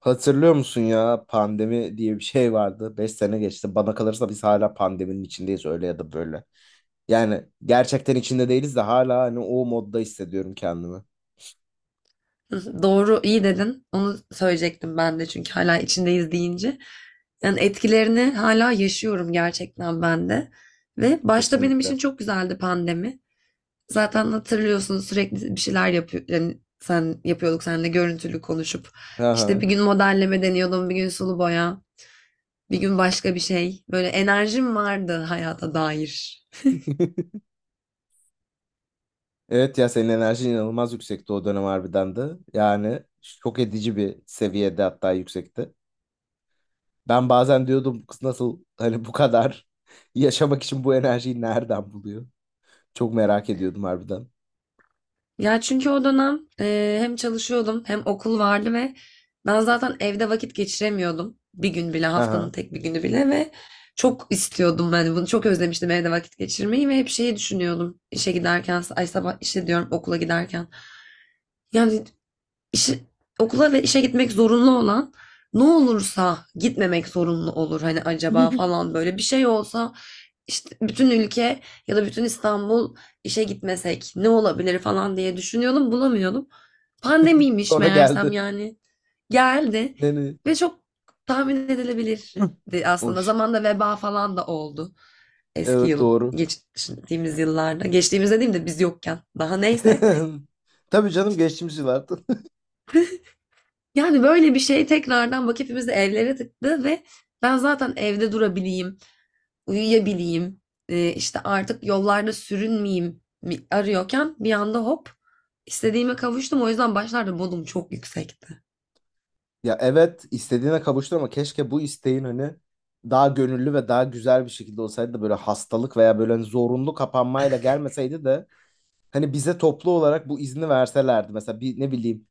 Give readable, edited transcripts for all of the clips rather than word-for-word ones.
Hatırlıyor musun ya, pandemi diye bir şey vardı. 5 sene geçti. Bana kalırsa biz hala pandeminin içindeyiz öyle ya da böyle. Yani gerçekten içinde değiliz de hala hani o modda hissediyorum kendimi. Hı, Doğru, iyi dedin. Onu söyleyecektim ben de çünkü hala içindeyiz deyince. Yani etkilerini hala yaşıyorum gerçekten ben de. Ve başta benim Kesinlikle. için çok güzeldi pandemi. Zaten hatırlıyorsun sürekli bir şeyler yapıyor. Yani sen yapıyorduk seninle görüntülü konuşup. İşte bir Aha. gün modelleme deniyordum, bir gün sulu boya, bir gün başka bir şey. Böyle enerjim vardı hayata dair. Evet ya, senin enerjin inanılmaz yüksekti o dönem harbiden de. Yani şok edici bir seviyede, hatta yüksekti. Ben bazen diyordum, "Bu kız nasıl hani bu kadar yaşamak için bu enerjiyi nereden buluyor?" Çok merak ediyordum harbiden. Ya çünkü o dönem hem çalışıyordum hem okul vardı ve ben zaten evde vakit geçiremiyordum. Bir gün bile haftanın Aha. tek bir günü bile ve çok istiyordum ben bunu, çok özlemiştim evde vakit geçirmeyi ve hep şeyi düşünüyordum işe giderken, ay sabah işe diyorum okula giderken yani işe- okula ve işe gitmek zorunlu olan, ne olursa gitmemek zorunlu olur hani, acaba falan böyle bir şey olsa, işte bütün ülke ya da bütün İstanbul işe gitmesek ne olabilir falan diye düşünüyordum, bulamıyordum. Pandemiymiş Sonra meğersem. geldi. Yani geldi Yani ve çok tahmin edilebilirdi aslında. hoş. Zamanda veba falan da oldu eski Evet, yıl, doğru. geçtiğimiz yıllarda, geçtiğimiz dediğim de biz yokken daha, neyse. Tabii canım, geçtiğimiz yıllardı. Yani böyle bir şey tekrardan bak hepimizi evlere tıktı ve ben zaten evde durabileyim, uyuyabileyim, işte artık yollarda sürünmeyeyim arıyorken bir anda hop istediğime kavuştum. O yüzden başlarda modum çok yüksekti. Ya evet, istediğine kavuştu ama keşke bu isteğin hani daha gönüllü ve daha güzel bir şekilde olsaydı da böyle hastalık veya böyle hani zorunlu kapanmayla gelmeseydi de hani bize toplu olarak bu izni verselerdi. Mesela bir ne bileyim,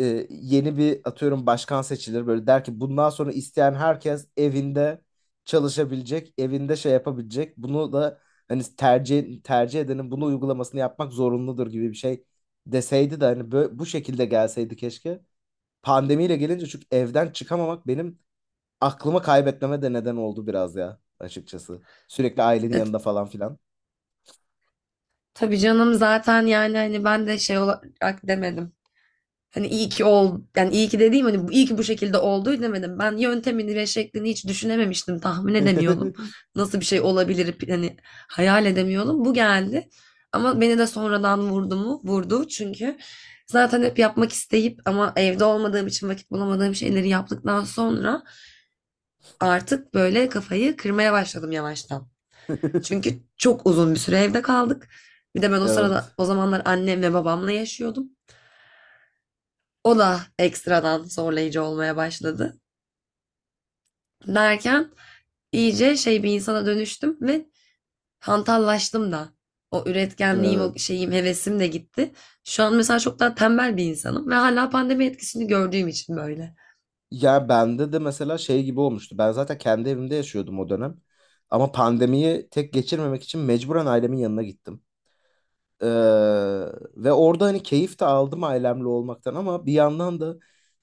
yeni bir, atıyorum, başkan seçilir böyle der ki bundan sonra isteyen herkes evinde çalışabilecek, evinde şey yapabilecek. Bunu da hani tercih edenin bunu uygulamasını yapmak zorunludur gibi bir şey deseydi de hani böyle, bu şekilde gelseydi keşke. Pandemiyle gelince çünkü evden çıkamamak benim aklımı kaybetmeme de neden oldu biraz ya, açıkçası. Sürekli ailenin E, yanında falan filan. tabii canım, zaten yani hani ben de şey olarak demedim. Hani yani iyi ki dediğim hani iyi ki bu şekilde oldu demedim. Ben yöntemini ve şeklini hiç düşünememiştim, tahmin edemiyordum. Nasıl bir şey olabilir hani, hayal edemiyordum. Bu geldi. Ama beni de sonradan vurdu mu? Vurdu, çünkü zaten hep yapmak isteyip ama evde olmadığım için vakit bulamadığım şeyleri yaptıktan sonra artık böyle kafayı kırmaya başladım yavaştan. Çünkü çok uzun bir süre evde kaldık. Bir de ben o sırada, Evet. o zamanlar annemle babamla yaşıyordum. O da ekstradan zorlayıcı olmaya başladı. Derken iyice şey bir insana dönüştüm ve hantallaştım da. O üretkenliğim, o Evet. şeyim, hevesim de gitti. Şu an mesela çok daha tembel bir insanım ve hala pandemi etkisini gördüğüm için böyle. Ya bende de mesela şey gibi olmuştu. Ben zaten kendi evimde yaşıyordum o dönem. Ama pandemiyi tek geçirmemek için mecburen ailemin yanına gittim. Ee, ve orada hani keyif de aldım ailemle olmaktan ama bir yandan da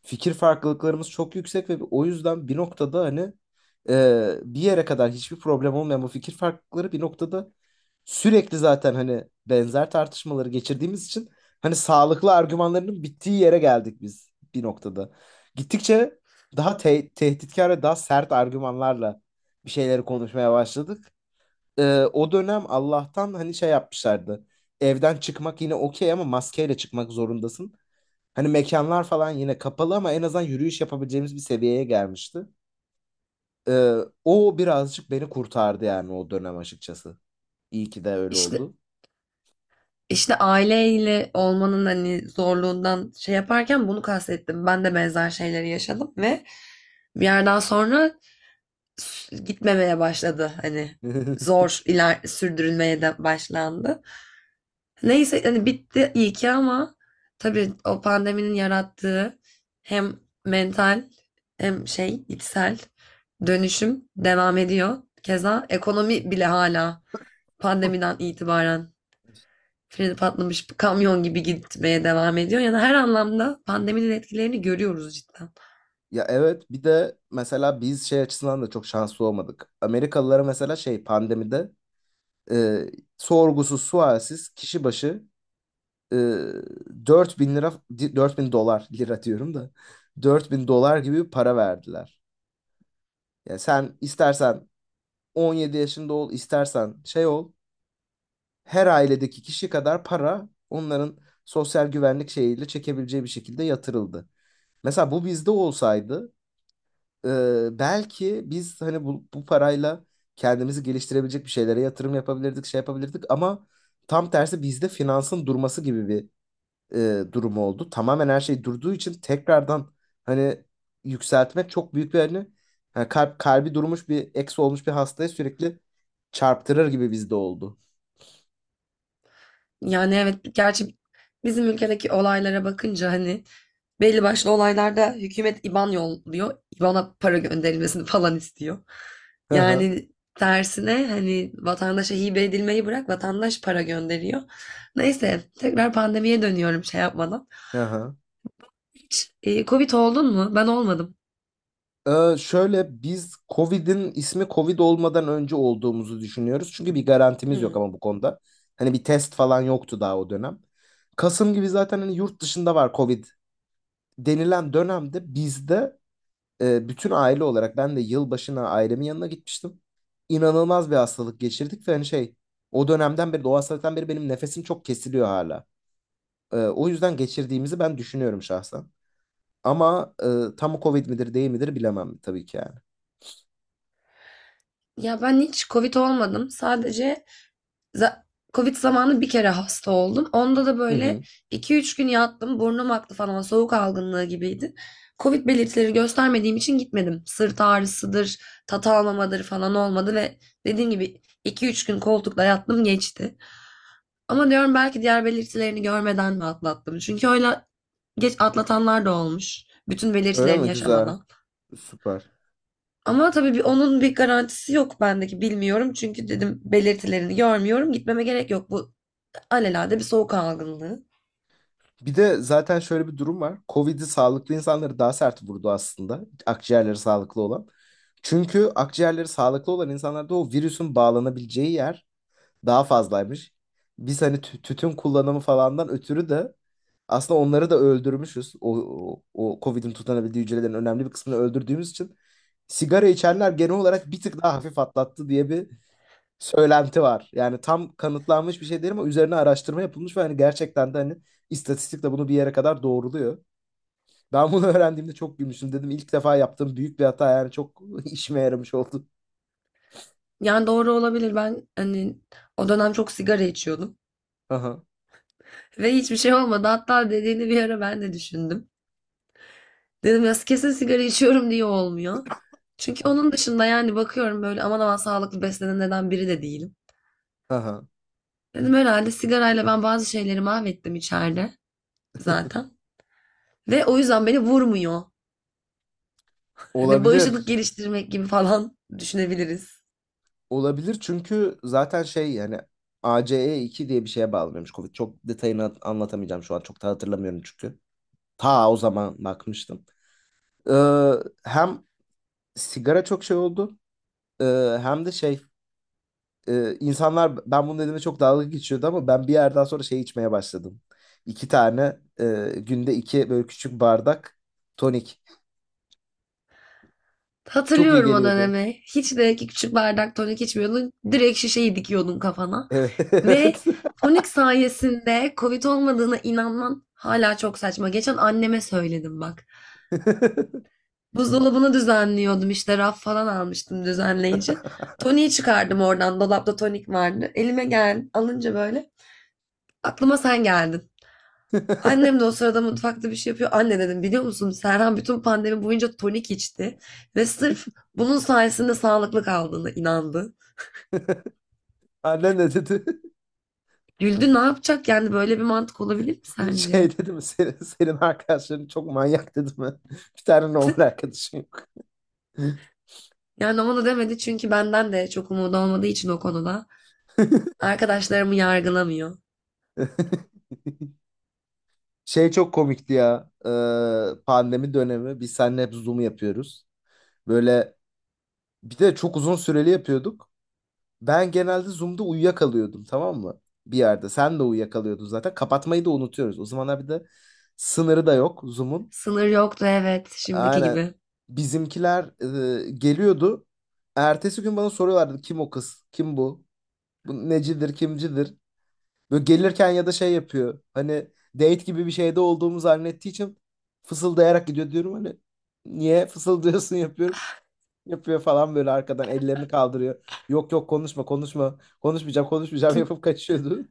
fikir farklılıklarımız çok yüksek ve o yüzden bir noktada hani, bir yere kadar hiçbir problem olmayan bu fikir farklılıkları bir noktada, sürekli zaten hani benzer tartışmaları geçirdiğimiz için hani sağlıklı argümanlarının bittiği yere geldik biz bir noktada. Gittikçe daha tehditkar ve daha sert argümanlarla bir şeyleri konuşmaya başladık. e, O dönem Allah'tan hani şey yapmışlardı. Evden çıkmak yine okey ama maskeyle çıkmak zorundasın. Hani mekanlar falan yine kapalı ama en azından yürüyüş yapabileceğimiz bir seviyeye gelmişti. E, O birazcık beni kurtardı yani o dönem, açıkçası. İyi ki de öyle İşte oldu. işte aileyle olmanın hani zorluğundan şey yaparken bunu kastettim. Ben de benzer şeyleri yaşadım ve bir yerden sonra gitmemeye başladı. Hani zor iler sürdürülmeye de başlandı. Neyse hani bitti iyi ki, ama tabii o pandeminin yarattığı hem mental hem şey içsel dönüşüm devam ediyor. Keza ekonomi bile hala pandemiden itibaren freni patlamış kamyon gibi gitmeye devam ediyor. Yani her anlamda pandeminin etkilerini görüyoruz cidden. Ya evet, bir de mesela biz şey açısından da çok şanslı olmadık. Amerikalılara mesela şey, pandemide, e, sorgusuz sualsiz kişi başı, e, 4.000 lira, 4.000 dolar, lira diyorum da, 4.000 dolar gibi bir para verdiler. Yani sen istersen 17 yaşında ol, istersen şey ol. Her ailedeki kişi kadar para onların sosyal güvenlik şeyiyle çekebileceği bir şekilde yatırıldı. Mesela bu bizde olsaydı, e, belki biz hani bu parayla kendimizi geliştirebilecek bir şeylere yatırım yapabilirdik, şey yapabilirdik ama tam tersi, bizde finansın durması gibi bir, durumu oldu. Tamamen her şey durduğu için tekrardan hani yükseltmek çok büyük bir hani, hani kalp, kalbi durmuş bir, eksi olmuş bir hastaya sürekli çarptırır gibi bizde oldu. Yani evet, gerçi bizim ülkedeki olaylara bakınca hani belli başlı olaylarda hükümet IBAN yolluyor. IBAN'a para gönderilmesini falan istiyor. Hı hı. Yani tersine hani vatandaşa hibe edilmeyi bırak, vatandaş para gönderiyor. Neyse, tekrar pandemiye dönüyorum şey yapmadan. Hı hı. Hiç Covid oldun mu? Ben olmadım. Şöyle, biz Covid'in ismi Covid olmadan önce olduğumuzu düşünüyoruz. Çünkü bir garantimiz yok Hmm. ama bu konuda. Hani bir test falan yoktu daha o dönem. Kasım gibi zaten hani yurt dışında var Covid denilen dönemde bizde, bütün aile olarak ben de yılbaşına ailemin yanına gitmiştim. İnanılmaz bir hastalık geçirdik ve hani şey, o dönemden beri, o hastalıktan beri benim nefesim çok kesiliyor hala. O yüzden geçirdiğimizi ben düşünüyorum şahsen. Ama tam Covid midir değil midir bilemem tabii ki yani. Ya ben hiç Covid olmadım. Sadece Za- Covid zamanı bir kere hasta oldum. Onda da Hı böyle hı. iki üç gün yattım. Burnum aktı falan. Soğuk algınlığı gibiydi. Covid belirtileri göstermediğim için gitmedim. Sırt ağrısıdır, tat almamadır falan olmadı ve dediğim gibi iki üç gün koltukta yattım, geçti. Ama diyorum belki diğer belirtilerini görmeden mi atlattım? Çünkü öyle geç atlatanlar da olmuş. Bütün Öyle belirtilerini mi? Güzel. yaşamadan. Süper. Ama tabii bir, onun bir garantisi yok bendeki, bilmiyorum. Çünkü dedim belirtilerini görmüyorum, gitmeme gerek yok. Bu alelade bir soğuk algınlığı. Bir de zaten şöyle bir durum var. Covid'i, sağlıklı insanları daha sert vurdu aslında. Akciğerleri sağlıklı olan. Çünkü akciğerleri sağlıklı olan insanlarda o virüsün bağlanabileceği yer daha fazlaymış. Biz hani tütün kullanımı falandan ötürü de aslında onları da öldürmüşüz. O COVID'in tutanabildiği hücrelerin önemli bir kısmını öldürdüğümüz için sigara içenler genel olarak bir tık daha hafif atlattı diye bir söylenti var. Yani tam kanıtlanmış bir şey değil ama üzerine araştırma yapılmış ve hani gerçekten de hani istatistik de bunu bir yere kadar doğruluyor. Ben bunu öğrendiğimde çok gülmüştüm. Dedim ilk defa yaptığım büyük bir hata yani çok işime yaramış oldu. Yani doğru olabilir. Ben hani o dönem çok sigara içiyordum. Aha, Ve hiçbir şey olmadı. Hatta dediğini bir ara ben de düşündüm. Dedim ya kesin sigara içiyorum diye olmuyor. Çünkü onun dışında yani bakıyorum, böyle aman aman sağlıklı beslenenlerden biri de değilim. aha. Dedim herhalde sigarayla ben bazı şeyleri mahvettim içeride zaten. Ve o yüzden beni vurmuyor. Hani bağışıklık Olabilir. geliştirmek gibi falan düşünebiliriz. Olabilir çünkü zaten şey yani, ACE2 diye bir şeye bağlanıyormuş Covid. Çok detayını anlatamayacağım şu an. Çok da hatırlamıyorum çünkü. Ta o zaman bakmıştım. Ee, Hem sigara çok şey oldu, hem de şey, insanlar ben bunu dediğimde çok dalga geçiyordu ama ben bir yerden sonra şey içmeye başladım. İki tane, günde iki böyle küçük bardak tonik. Çok iyi Hatırlıyorum o geliyordu. dönemi. Hiç de ki küçük bardak tonik içmiyordun. Direkt şişeyi dikiyordun kafana. Ve Evet. tonik sayesinde Covid olmadığına inanman hala çok saçma. Geçen anneme söyledim bak. Buzdolabını düzenliyordum, işte raf falan almıştım düzenleyici. Toniği çıkardım oradan, dolapta tonik vardı. Elime gel alınca böyle aklıma sen geldin. Annem de o sırada mutfakta bir şey yapıyor. Anne dedim, biliyor musun Serhan bütün pandemi boyunca tonik içti ve sırf bunun sayesinde sağlıklı kaldığına inandı. Annen ne dedi? Güldü, ne yapacak yani, böyle bir mantık olabilir mi sence? Şey dedi mi, senin, senin arkadaşların çok manyak dedi mi? Bir tane normal arkadaşım yok. Yani ona da demedi çünkü benden de çok umudu olmadığı için o konuda. Arkadaşlarımı yargılamıyor. Şey çok komikti ya. Pandemi dönemi biz seninle hep Zoom yapıyoruz. Böyle, bir de çok uzun süreli yapıyorduk. Ben genelde Zoom'da uyuyakalıyordum, tamam mı? Bir yerde. Sen de uyuyakalıyordun zaten. Kapatmayı da unutuyoruz. O zamanlar bir de sınırı da yok Zoom'un. Sınır yoktu, evet, şimdiki Aynen. gibi. Bizimkiler, geliyordu. Ertesi gün bana soruyorlardı, kim o kız? Kim bu? Bu necidir, kimcidir. Böyle gelirken ya da şey yapıyor. Hani date gibi bir şeyde olduğumu zannettiği için fısıldayarak gidiyor diyorum hani. Niye fısıldıyorsun yapıyorum. Yapıyor falan, böyle arkadan ellerini kaldırıyor. Yok yok, konuşma konuşma. Konuşmayacağım konuşmayacağım yapıp kaçıyordu.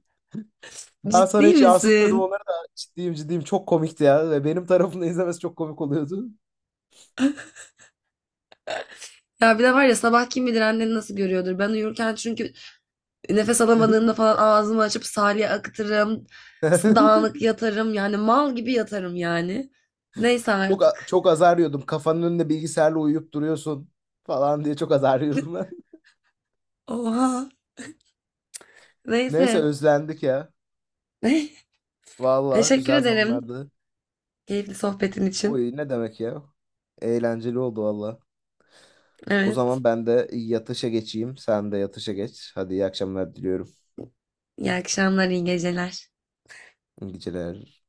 Ben sonra Ciddi hiç misin? yansıtmadım onları da, ciddiyim ciddiyim, çok komikti ya. Ve benim tarafımda izlemesi çok komik oluyordu. Ya bir de var ya, sabah kim bilir annen nasıl görüyordur. Ben uyurken çünkü nefes alamadığımda falan ağzımı açıp salya akıtırım. Dağınık yatarım, yani mal gibi yatarım yani. Neyse Çok artık. çok azar yiyordum. Kafanın önünde bilgisayarla uyuyup duruyorsun falan diye çok azar yiyordum ben. Oha. Neyse, Neyse. özlendik ya. Valla Teşekkür güzel ederim zamanlardı. keyifli sohbetin için. Oy, ne demek ya? Eğlenceli oldu valla. O Evet. zaman ben de yatışa geçeyim. Sen de yatışa geç. Hadi, iyi akşamlar diliyorum. İyi akşamlar, iyi geceler. İyi geceler.